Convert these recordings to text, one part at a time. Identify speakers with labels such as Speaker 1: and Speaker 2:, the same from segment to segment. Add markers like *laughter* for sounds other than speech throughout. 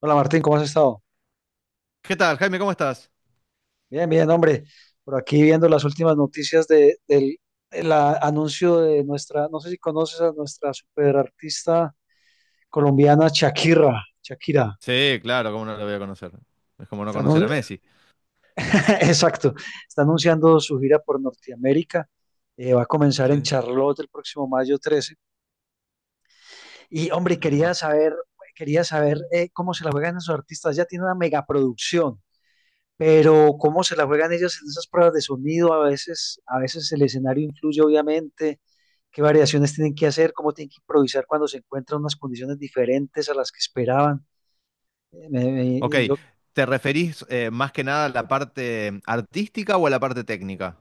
Speaker 1: Hola Martín, ¿cómo has estado?
Speaker 2: ¿Qué tal, Jaime? ¿Cómo estás?
Speaker 1: Bien, bien, hombre. Por aquí viendo las últimas noticias del anuncio de nuestra, no sé si conoces a nuestra superartista colombiana Shakira. Shakira.
Speaker 2: Sí, claro, ¿cómo no lo voy a conocer? Es como no
Speaker 1: Está
Speaker 2: conocer a
Speaker 1: anun-
Speaker 2: Messi.
Speaker 1: *laughs* Exacto. Está anunciando su gira por Norteamérica. Va a comenzar en
Speaker 2: Sí,
Speaker 1: Charlotte el próximo mayo 13. Y hombre,
Speaker 2: ahí
Speaker 1: quería
Speaker 2: va.
Speaker 1: saber, quería saber eh, cómo se la juegan esos artistas. Ya tiene una megaproducción. Pero cómo se la juegan ellos en esas pruebas de sonido, a veces el escenario influye, obviamente, qué variaciones tienen que hacer, cómo tienen que improvisar cuando se encuentran unas condiciones diferentes a las que esperaban. Eh, me- me-
Speaker 2: Ok,
Speaker 1: yo
Speaker 2: ¿te referís más que nada a la parte artística o a la parte técnica?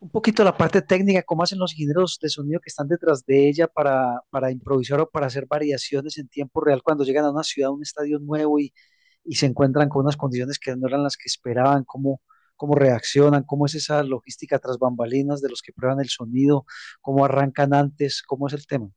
Speaker 1: un poquito la parte técnica, cómo hacen los ingenieros de sonido que están detrás de ella para improvisar o para hacer variaciones en tiempo real cuando llegan a una ciudad, a un estadio nuevo y se encuentran con unas condiciones que no eran las que esperaban, cómo, reaccionan, cómo es esa logística tras bambalinas de los que prueban el sonido, cómo arrancan antes, cómo es el tema.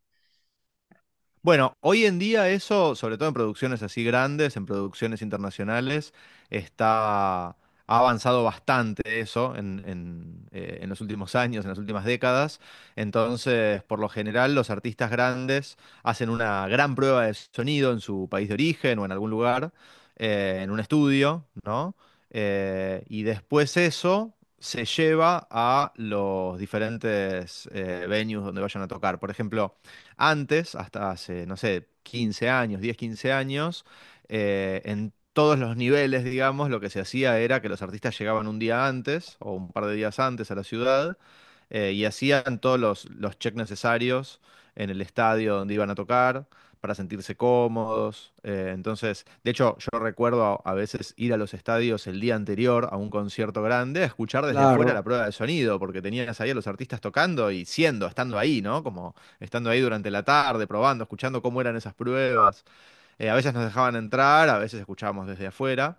Speaker 2: Bueno, hoy en día eso, sobre todo en producciones así grandes, en producciones internacionales, está, ha avanzado bastante eso en los últimos años, en las últimas décadas. Entonces, por lo general, los artistas grandes hacen una gran prueba de sonido en su país de origen o en algún lugar, en un estudio, ¿no? Y después eso se lleva a los diferentes venues donde vayan a tocar. Por ejemplo, antes, hasta hace, no sé, 15 años, 10, 15 años, en todos los niveles, digamos, lo que se hacía era que los artistas llegaban un día antes o un par de días antes a la ciudad y hacían todos los checks necesarios en el estadio donde iban a tocar para sentirse cómodos. Entonces, de hecho, yo recuerdo a veces ir a los estadios el día anterior a un concierto grande a escuchar desde afuera la
Speaker 1: Claro.
Speaker 2: prueba de sonido, porque tenías ahí a los artistas tocando y siendo, estando ahí, ¿no? Como estando ahí durante la tarde, probando, escuchando cómo eran esas pruebas. A veces nos dejaban entrar, a veces escuchábamos desde afuera.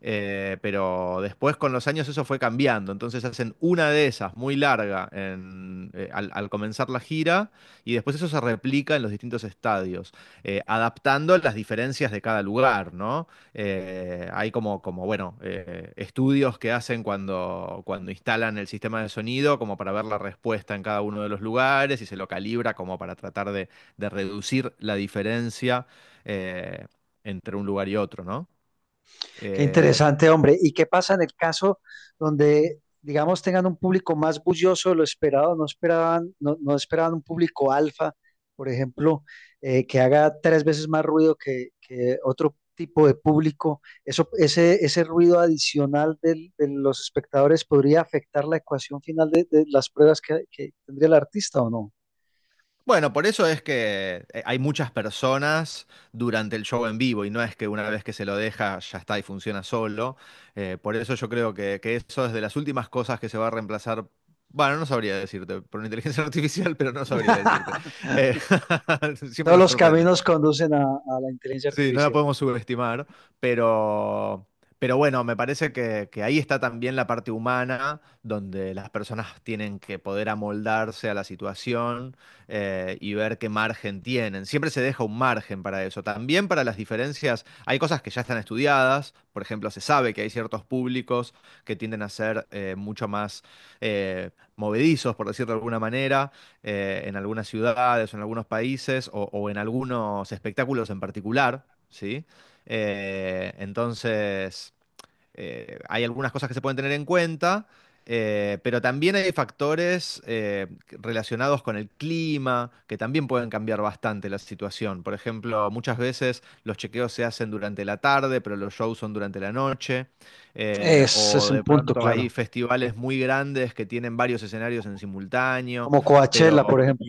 Speaker 2: Pero después con los años eso fue cambiando. Entonces hacen una de esas muy larga al, al comenzar la gira y después eso se replica en los distintos estadios, adaptando las diferencias de cada lugar, ¿no? Hay como, como bueno, estudios que hacen cuando, cuando instalan el sistema de sonido como para ver la respuesta en cada uno de los lugares y se lo calibra como para tratar de reducir la diferencia eh, entre un lugar y otro, ¿no?
Speaker 1: Qué
Speaker 2: Eh,
Speaker 1: interesante, hombre. ¿Y qué pasa en el caso donde, digamos, tengan un público más bullicioso de lo esperado? No esperaban un público alfa, por ejemplo, que haga tres veces más ruido que, otro tipo de público. Eso, ese ruido adicional de los espectadores podría afectar la ecuación final de las pruebas que, tendría el artista o no.
Speaker 2: bueno, por eso es que hay muchas personas durante el show en vivo y no es que una vez que se lo deja ya está y funciona solo. Por eso yo creo que eso es de las últimas cosas que se va a reemplazar. Bueno, no sabría decirte, por una inteligencia *laughs* artificial, pero no sabría decirte.
Speaker 1: *laughs*
Speaker 2: Eh, *laughs* siempre
Speaker 1: Todos
Speaker 2: nos
Speaker 1: los
Speaker 2: sorprenden.
Speaker 1: caminos conducen a la inteligencia
Speaker 2: Sí, no la
Speaker 1: artificial.
Speaker 2: podemos subestimar, pero, pero bueno, me parece que ahí está también la parte humana, donde las personas tienen que poder amoldarse a la situación y ver qué margen tienen. Siempre se deja un margen para eso. También para las diferencias, hay cosas que ya están estudiadas, por ejemplo, se sabe que hay ciertos públicos que tienden a ser mucho más movedizos, por decirlo de alguna manera en algunas ciudades o en algunos países o en algunos espectáculos en particular, ¿sí? Entonces hay algunas cosas que se pueden tener en cuenta, pero también hay factores relacionados con el clima que también pueden cambiar bastante la situación. Por ejemplo, muchas veces los chequeos se hacen durante la tarde, pero los shows son durante la noche.
Speaker 1: Ese es
Speaker 2: O de
Speaker 1: un punto,
Speaker 2: pronto hay
Speaker 1: claro.
Speaker 2: festivales muy grandes que tienen varios escenarios en simultáneo,
Speaker 1: Como
Speaker 2: pero
Speaker 1: Coachella, por ejemplo.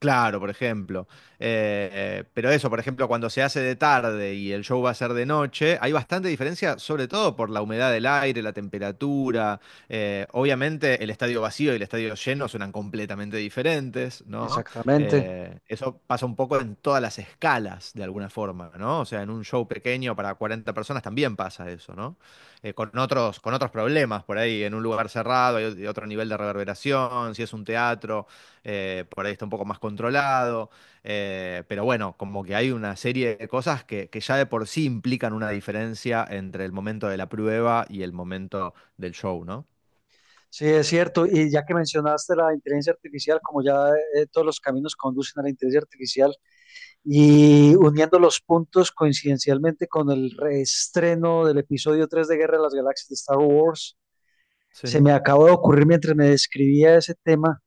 Speaker 2: Claro, por ejemplo. Pero eso, por ejemplo, cuando se hace de tarde y el show va a ser de noche, hay bastante diferencia, sobre todo por la humedad del aire, la temperatura. Obviamente el estadio vacío y el estadio lleno suenan completamente diferentes, ¿no?
Speaker 1: Exactamente.
Speaker 2: Eso pasa un poco en todas las escalas, de alguna forma, ¿no? O sea, en un show pequeño para 40 personas también pasa eso, ¿no? Con otros, con otros problemas por ahí, en un lugar cerrado hay otro nivel de reverberación, si es un teatro por ahí está un poco más controlado, pero bueno, como que hay una serie de cosas que ya de por sí implican una diferencia entre el momento de la prueba y el momento del show, ¿no?
Speaker 1: Sí, es cierto. Y ya que mencionaste la inteligencia artificial, como ya todos los caminos conducen a la inteligencia artificial, y uniendo los puntos coincidencialmente con el reestreno del episodio 3 de Guerra de las Galaxias de Star Wars, se
Speaker 2: Sí,
Speaker 1: me acabó de ocurrir mientras me describía ese tema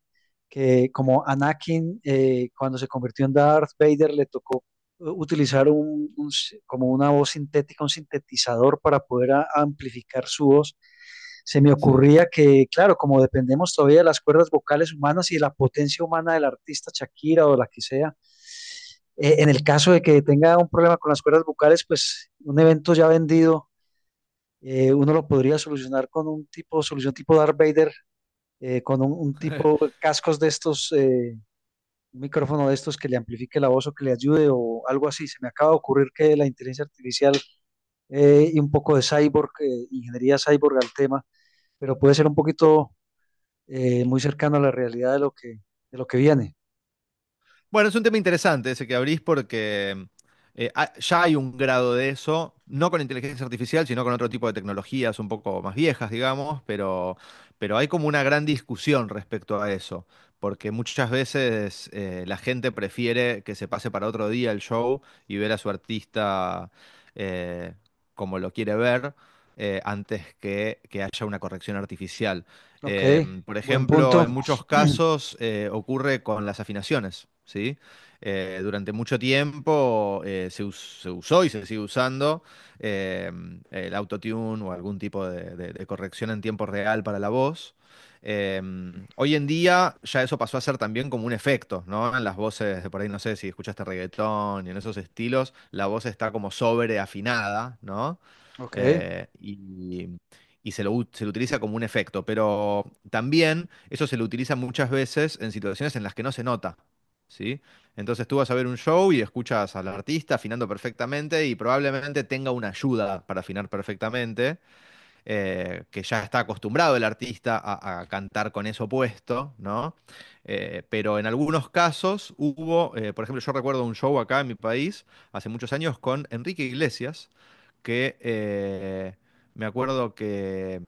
Speaker 1: que como Anakin cuando se convirtió en Darth Vader le tocó utilizar como una voz sintética, un sintetizador para poder amplificar su voz. Se me
Speaker 2: sí.
Speaker 1: ocurría que, claro, como dependemos todavía de las cuerdas vocales humanas y de la potencia humana del artista Shakira o la que sea, en el caso de que tenga un problema con las cuerdas vocales, pues un evento ya vendido, uno lo podría solucionar con un tipo, solución tipo Darth Vader, con un tipo
Speaker 2: *laughs*
Speaker 1: cascos de estos un micrófono de estos que le amplifique la voz o que le ayude o algo así. Se me acaba de ocurrir que la inteligencia artificial y un poco de cyborg, ingeniería cyborg al tema, pero puede ser un poquito muy cercano a la realidad de lo que, viene.
Speaker 2: Bueno, es un tema interesante ese que abrís porque ya hay un grado de eso, no con inteligencia artificial, sino con otro tipo de tecnologías un poco más viejas, digamos, pero hay como una gran discusión respecto a eso, porque muchas veces la gente prefiere que se pase para otro día el show y ver a su artista eh, como lo quiere ver antes que haya una corrección artificial.
Speaker 1: Ok,
Speaker 2: Por
Speaker 1: buen
Speaker 2: ejemplo, en
Speaker 1: punto.
Speaker 2: muchos
Speaker 1: *clears throat*
Speaker 2: casos ocurre con las afinaciones, ¿sí? Durante mucho tiempo se, se usó y se sigue usando eh, el autotune o algún tipo de, de corrección en tiempo real para la voz. Eh, Hoy en día ya eso pasó a ser también como un efecto, ¿no? En las voces, de por ahí no sé si escuchaste reggaetón y en esos estilos, la voz está como sobreafinada, ¿no?
Speaker 1: Ok.
Speaker 2: Y, y se lo, se lo utiliza como un efecto, pero también eso se lo utiliza muchas veces en situaciones en las que no se nota, ¿sí? Entonces tú vas a ver un show y escuchas al artista afinando perfectamente y probablemente tenga una ayuda para afinar perfectamente, que ya está acostumbrado el artista a cantar con eso puesto, ¿no? Pero en algunos casos hubo, por ejemplo, yo recuerdo un show acá en mi país hace muchos años con Enrique Iglesias, que me acuerdo que,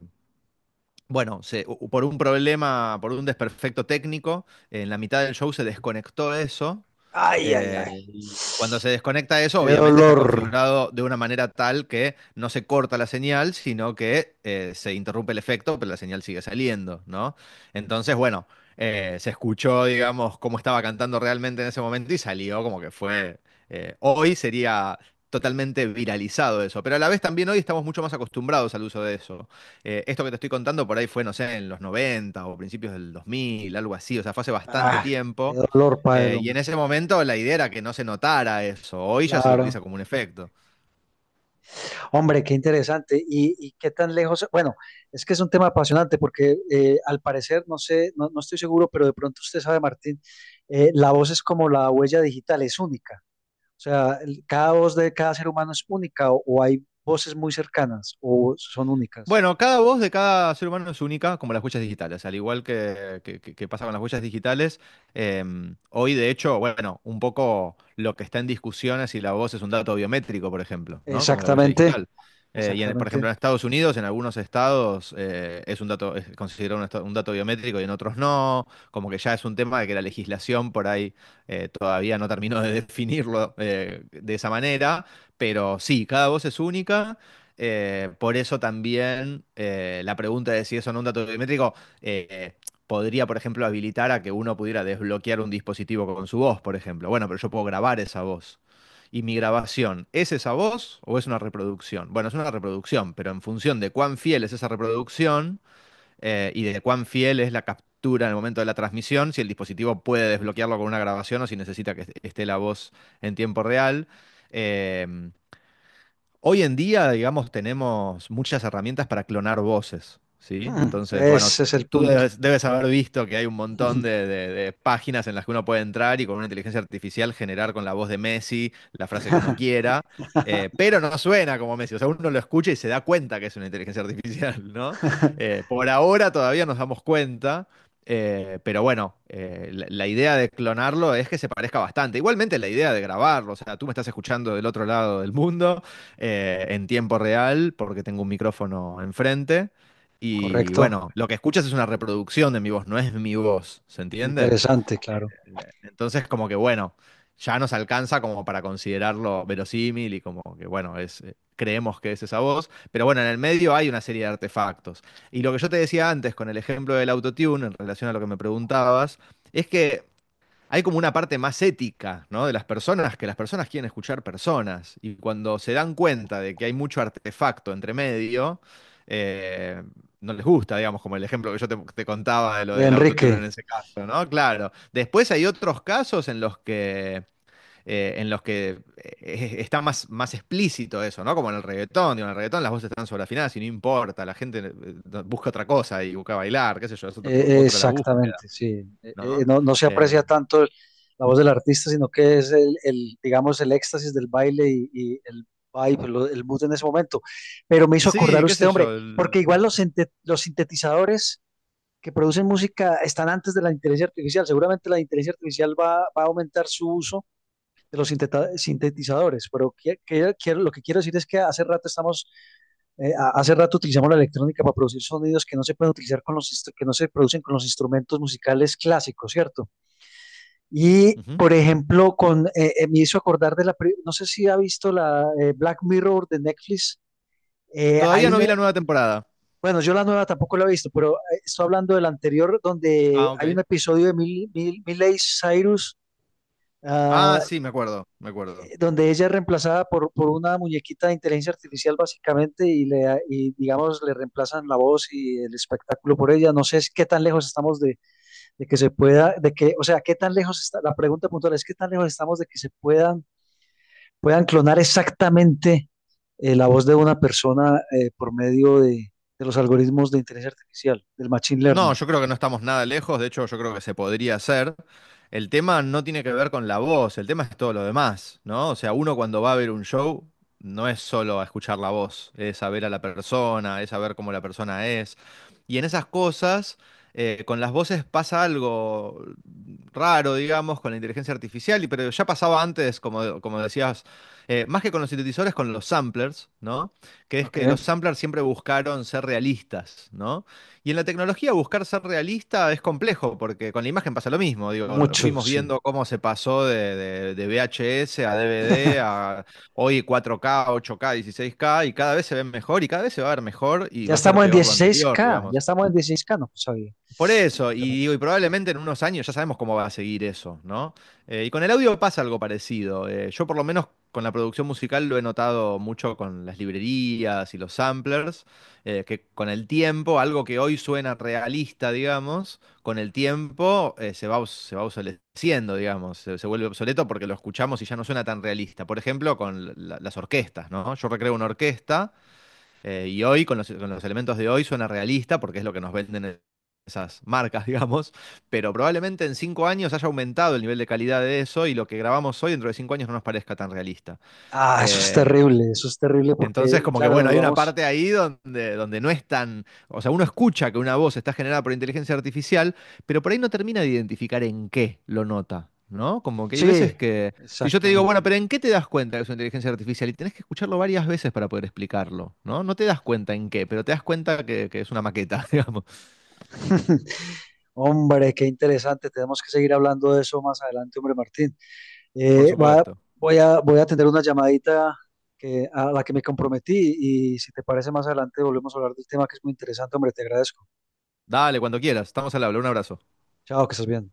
Speaker 2: bueno, por un problema, por un desperfecto técnico, en la mitad del show se desconectó eso
Speaker 1: Ay, ay, ay.
Speaker 2: y cuando se desconecta eso,
Speaker 1: Qué
Speaker 2: obviamente está
Speaker 1: dolor.
Speaker 2: configurado de una manera tal que no se corta la señal, sino que se interrumpe el efecto, pero la señal sigue saliendo, ¿no? Entonces, bueno, se escuchó, digamos, cómo estaba cantando realmente en ese momento y salió como que fue... hoy sería totalmente viralizado eso, pero a la vez también hoy estamos mucho más acostumbrados al uso de eso. Esto que te estoy contando por ahí fue, no sé, en los 90 o principios del 2000, algo así, o sea, fue hace bastante
Speaker 1: Ah, Qué
Speaker 2: tiempo.
Speaker 1: dolor para el
Speaker 2: Y en
Speaker 1: hombre.
Speaker 2: ese momento la idea era que no se notara eso. Hoy ya se lo
Speaker 1: Claro.
Speaker 2: utiliza como un efecto.
Speaker 1: Hombre, qué interesante. ¿Y qué tan lejos? Bueno, es que es un tema apasionante porque al parecer, no sé, no estoy seguro, pero de pronto usted sabe, Martín, la voz es como la huella digital, es única. O sea, cada voz de cada ser humano es única o, hay voces muy cercanas o son únicas.
Speaker 2: Bueno, cada voz de cada ser humano es única, como las huellas digitales. Al igual que pasa con las huellas digitales, eh, hoy de hecho, bueno, un poco lo que está en discusión es si la voz es un dato biométrico, por ejemplo, ¿no? Como la huella
Speaker 1: Exactamente,
Speaker 2: digital. Por ejemplo,
Speaker 1: exactamente.
Speaker 2: en Estados Unidos, en algunos estados, es un dato, es considerado un dato biométrico y en otros no. Como que ya es un tema de que la legislación por ahí todavía no terminó de *laughs* definirlo de esa manera. Pero sí, cada voz es única. Por eso también la pregunta de si eso no un dato biométrico eh, podría, por ejemplo, habilitar a que uno pudiera desbloquear un dispositivo con su voz, por ejemplo. Bueno, pero yo puedo grabar esa voz. ¿Y mi grabación es esa voz o es una reproducción? Bueno, es una reproducción, pero en función de cuán fiel es esa reproducción y de cuán fiel es la captura en el momento de la transmisión, si el dispositivo puede desbloquearlo con una grabación o si necesita que esté la voz en tiempo real. Eh, Hoy en día, digamos, tenemos muchas herramientas para clonar voces, ¿sí? Entonces, bueno,
Speaker 1: Ese es el
Speaker 2: tú
Speaker 1: punto.
Speaker 2: debes, debes haber visto que hay un montón de, de páginas en las que uno puede entrar y con una inteligencia artificial generar con la voz de Messi la frase que uno quiera, pero no suena como Messi, o sea, uno lo escucha y se da cuenta que es una inteligencia *laughs* artificial, ¿no?
Speaker 1: *laughs*
Speaker 2: Por ahora todavía nos damos cuenta. Pero bueno, la idea de clonarlo es que se parezca bastante. Igualmente la idea de grabarlo, o sea, tú me estás escuchando del otro lado del mundo, en tiempo real porque tengo un micrófono enfrente. Y
Speaker 1: Correcto.
Speaker 2: bueno, lo que escuchas es una reproducción de mi voz, no es mi voz, ¿se entiende?
Speaker 1: Interesante, claro.
Speaker 2: Entonces, como que bueno, ya nos alcanza como para considerarlo verosímil y como que bueno, es, creemos que es esa voz. Pero bueno, en el medio hay una serie de artefactos. Y lo que yo te decía antes con el ejemplo del autotune, en relación a lo que me preguntabas, es que hay como una parte más ética, ¿no? De las personas, que las personas quieren escuchar personas. Y cuando se dan cuenta de que hay mucho artefacto entre medio, eh, no les gusta, digamos, como el ejemplo que yo te, te contaba de lo
Speaker 1: De
Speaker 2: del autotune en
Speaker 1: Enrique.
Speaker 2: ese caso, ¿no? Claro. Después hay otros casos en los que. En los que está más, más explícito eso, ¿no? Como en el reggaetón, digo, en el reggaetón las voces están sobreafinadas y no importa, la gente busca otra cosa y busca bailar, qué sé yo, es otra la búsqueda,
Speaker 1: Exactamente, sí.
Speaker 2: ¿no?
Speaker 1: No, se
Speaker 2: Eh,
Speaker 1: aprecia tanto la voz del artista, sino que es el, digamos, el éxtasis del baile y el vibe, el mood en ese momento. Pero me hizo
Speaker 2: Sí,
Speaker 1: acordar
Speaker 2: qué
Speaker 1: usted,
Speaker 2: sé yo.
Speaker 1: hombre, porque igual los sintetizadores que producen música están antes de la inteligencia artificial. Seguramente la inteligencia artificial va a aumentar su uso de los sintetizadores, pero lo que quiero decir es que hace rato utilizamos la electrónica para producir sonidos que no se pueden utilizar que no se producen con los instrumentos musicales clásicos, ¿cierto? Y
Speaker 2: Ujú.
Speaker 1: por ejemplo, con me hizo acordar no sé si ha visto la Black Mirror de Netflix. Hay
Speaker 2: Todavía no
Speaker 1: una,
Speaker 2: vi la nueva temporada.
Speaker 1: bueno, yo la nueva tampoco la he visto, pero estoy hablando del anterior donde
Speaker 2: Ah,
Speaker 1: hay un
Speaker 2: ok.
Speaker 1: episodio de Miley Cyrus, ah,
Speaker 2: Ah, sí, me acuerdo, me acuerdo.
Speaker 1: donde ella es reemplazada por una muñequita de inteligencia artificial básicamente y digamos le reemplazan la voz y el espectáculo por ella. No sé qué tan lejos estamos de, de que se pueda, o sea, qué tan lejos está, la pregunta puntual es qué tan lejos estamos de que se puedan clonar exactamente, la voz de una persona por medio de los algoritmos de inteligencia artificial, del machine
Speaker 2: No,
Speaker 1: learning.
Speaker 2: yo creo que no estamos nada lejos, de hecho yo creo que se podría hacer. El tema no tiene que ver con la voz, el tema es todo lo demás, ¿no? O sea, uno cuando va a ver un show no es solo a escuchar la voz, es a ver a la persona, es a ver cómo la persona es. Y en esas cosas, con las voces pasa algo raro, digamos, con la inteligencia artificial, pero ya pasaba antes, como, como decías, más que con los sintetizadores, con los samplers, ¿no? Que es
Speaker 1: Ok,
Speaker 2: que los samplers siempre buscaron ser realistas, ¿no? Y en la tecnología buscar ser realista es complejo, porque con la imagen pasa lo mismo. Digo,
Speaker 1: mucho,
Speaker 2: fuimos
Speaker 1: sí.
Speaker 2: viendo cómo se pasó de, de VHS a DVD
Speaker 1: *laughs*
Speaker 2: a hoy 4K, 8K, 16K, y cada vez se ven mejor y cada vez se va a ver mejor y
Speaker 1: Ya
Speaker 2: va a ser
Speaker 1: estamos en
Speaker 2: peor lo anterior,
Speaker 1: 16K, ya
Speaker 2: digamos.
Speaker 1: estamos en 16K, no pues, sabía.
Speaker 2: Por eso, y digo, y probablemente en unos años ya sabemos cómo va a seguir eso, ¿no? Y con el audio pasa algo parecido. Yo por lo menos con la producción musical lo he notado mucho con las librerías y los samplers, que con el tiempo, algo que hoy suena realista, digamos, con el tiempo se va, se va obsoleciendo, digamos, se vuelve obsoleto porque lo escuchamos y ya no suena tan realista. Por ejemplo, con las orquestas, ¿no? Yo recreo una orquesta y hoy, con los elementos de hoy, suena realista porque es lo que nos venden esas marcas, *laughs* digamos, pero probablemente en 5 años haya aumentado el nivel de calidad de eso y lo que grabamos hoy dentro de 5 años no nos parezca tan realista.
Speaker 1: Ah,
Speaker 2: Eh,
Speaker 1: eso es terrible
Speaker 2: entonces,
Speaker 1: porque,
Speaker 2: como que
Speaker 1: claro,
Speaker 2: bueno,
Speaker 1: nos
Speaker 2: hay una
Speaker 1: vamos.
Speaker 2: parte ahí donde, donde no es tan. O sea, uno escucha que una voz está generada por inteligencia artificial, pero por ahí no termina de identificar en qué lo nota, ¿no? Como que hay veces
Speaker 1: Sí,
Speaker 2: que. Si yo te digo, bueno,
Speaker 1: exactamente.
Speaker 2: pero ¿en qué te das cuenta que es una inteligencia artificial? Y tenés que escucharlo varias veces para poder explicarlo, ¿no? No te das cuenta en qué, pero te das cuenta que es una maqueta, *laughs* digamos.
Speaker 1: *laughs* Hombre, qué interesante. Tenemos que seguir hablando de eso más adelante, hombre Martín.
Speaker 2: Por
Speaker 1: Eh, va-
Speaker 2: supuesto.
Speaker 1: voy a atender una llamadita, a la que me comprometí, y si te parece más adelante volvemos a hablar del tema que es muy interesante, hombre, te agradezco.
Speaker 2: Dale, cuando quieras. Estamos al habla. Un abrazo.
Speaker 1: Chao, que estés bien.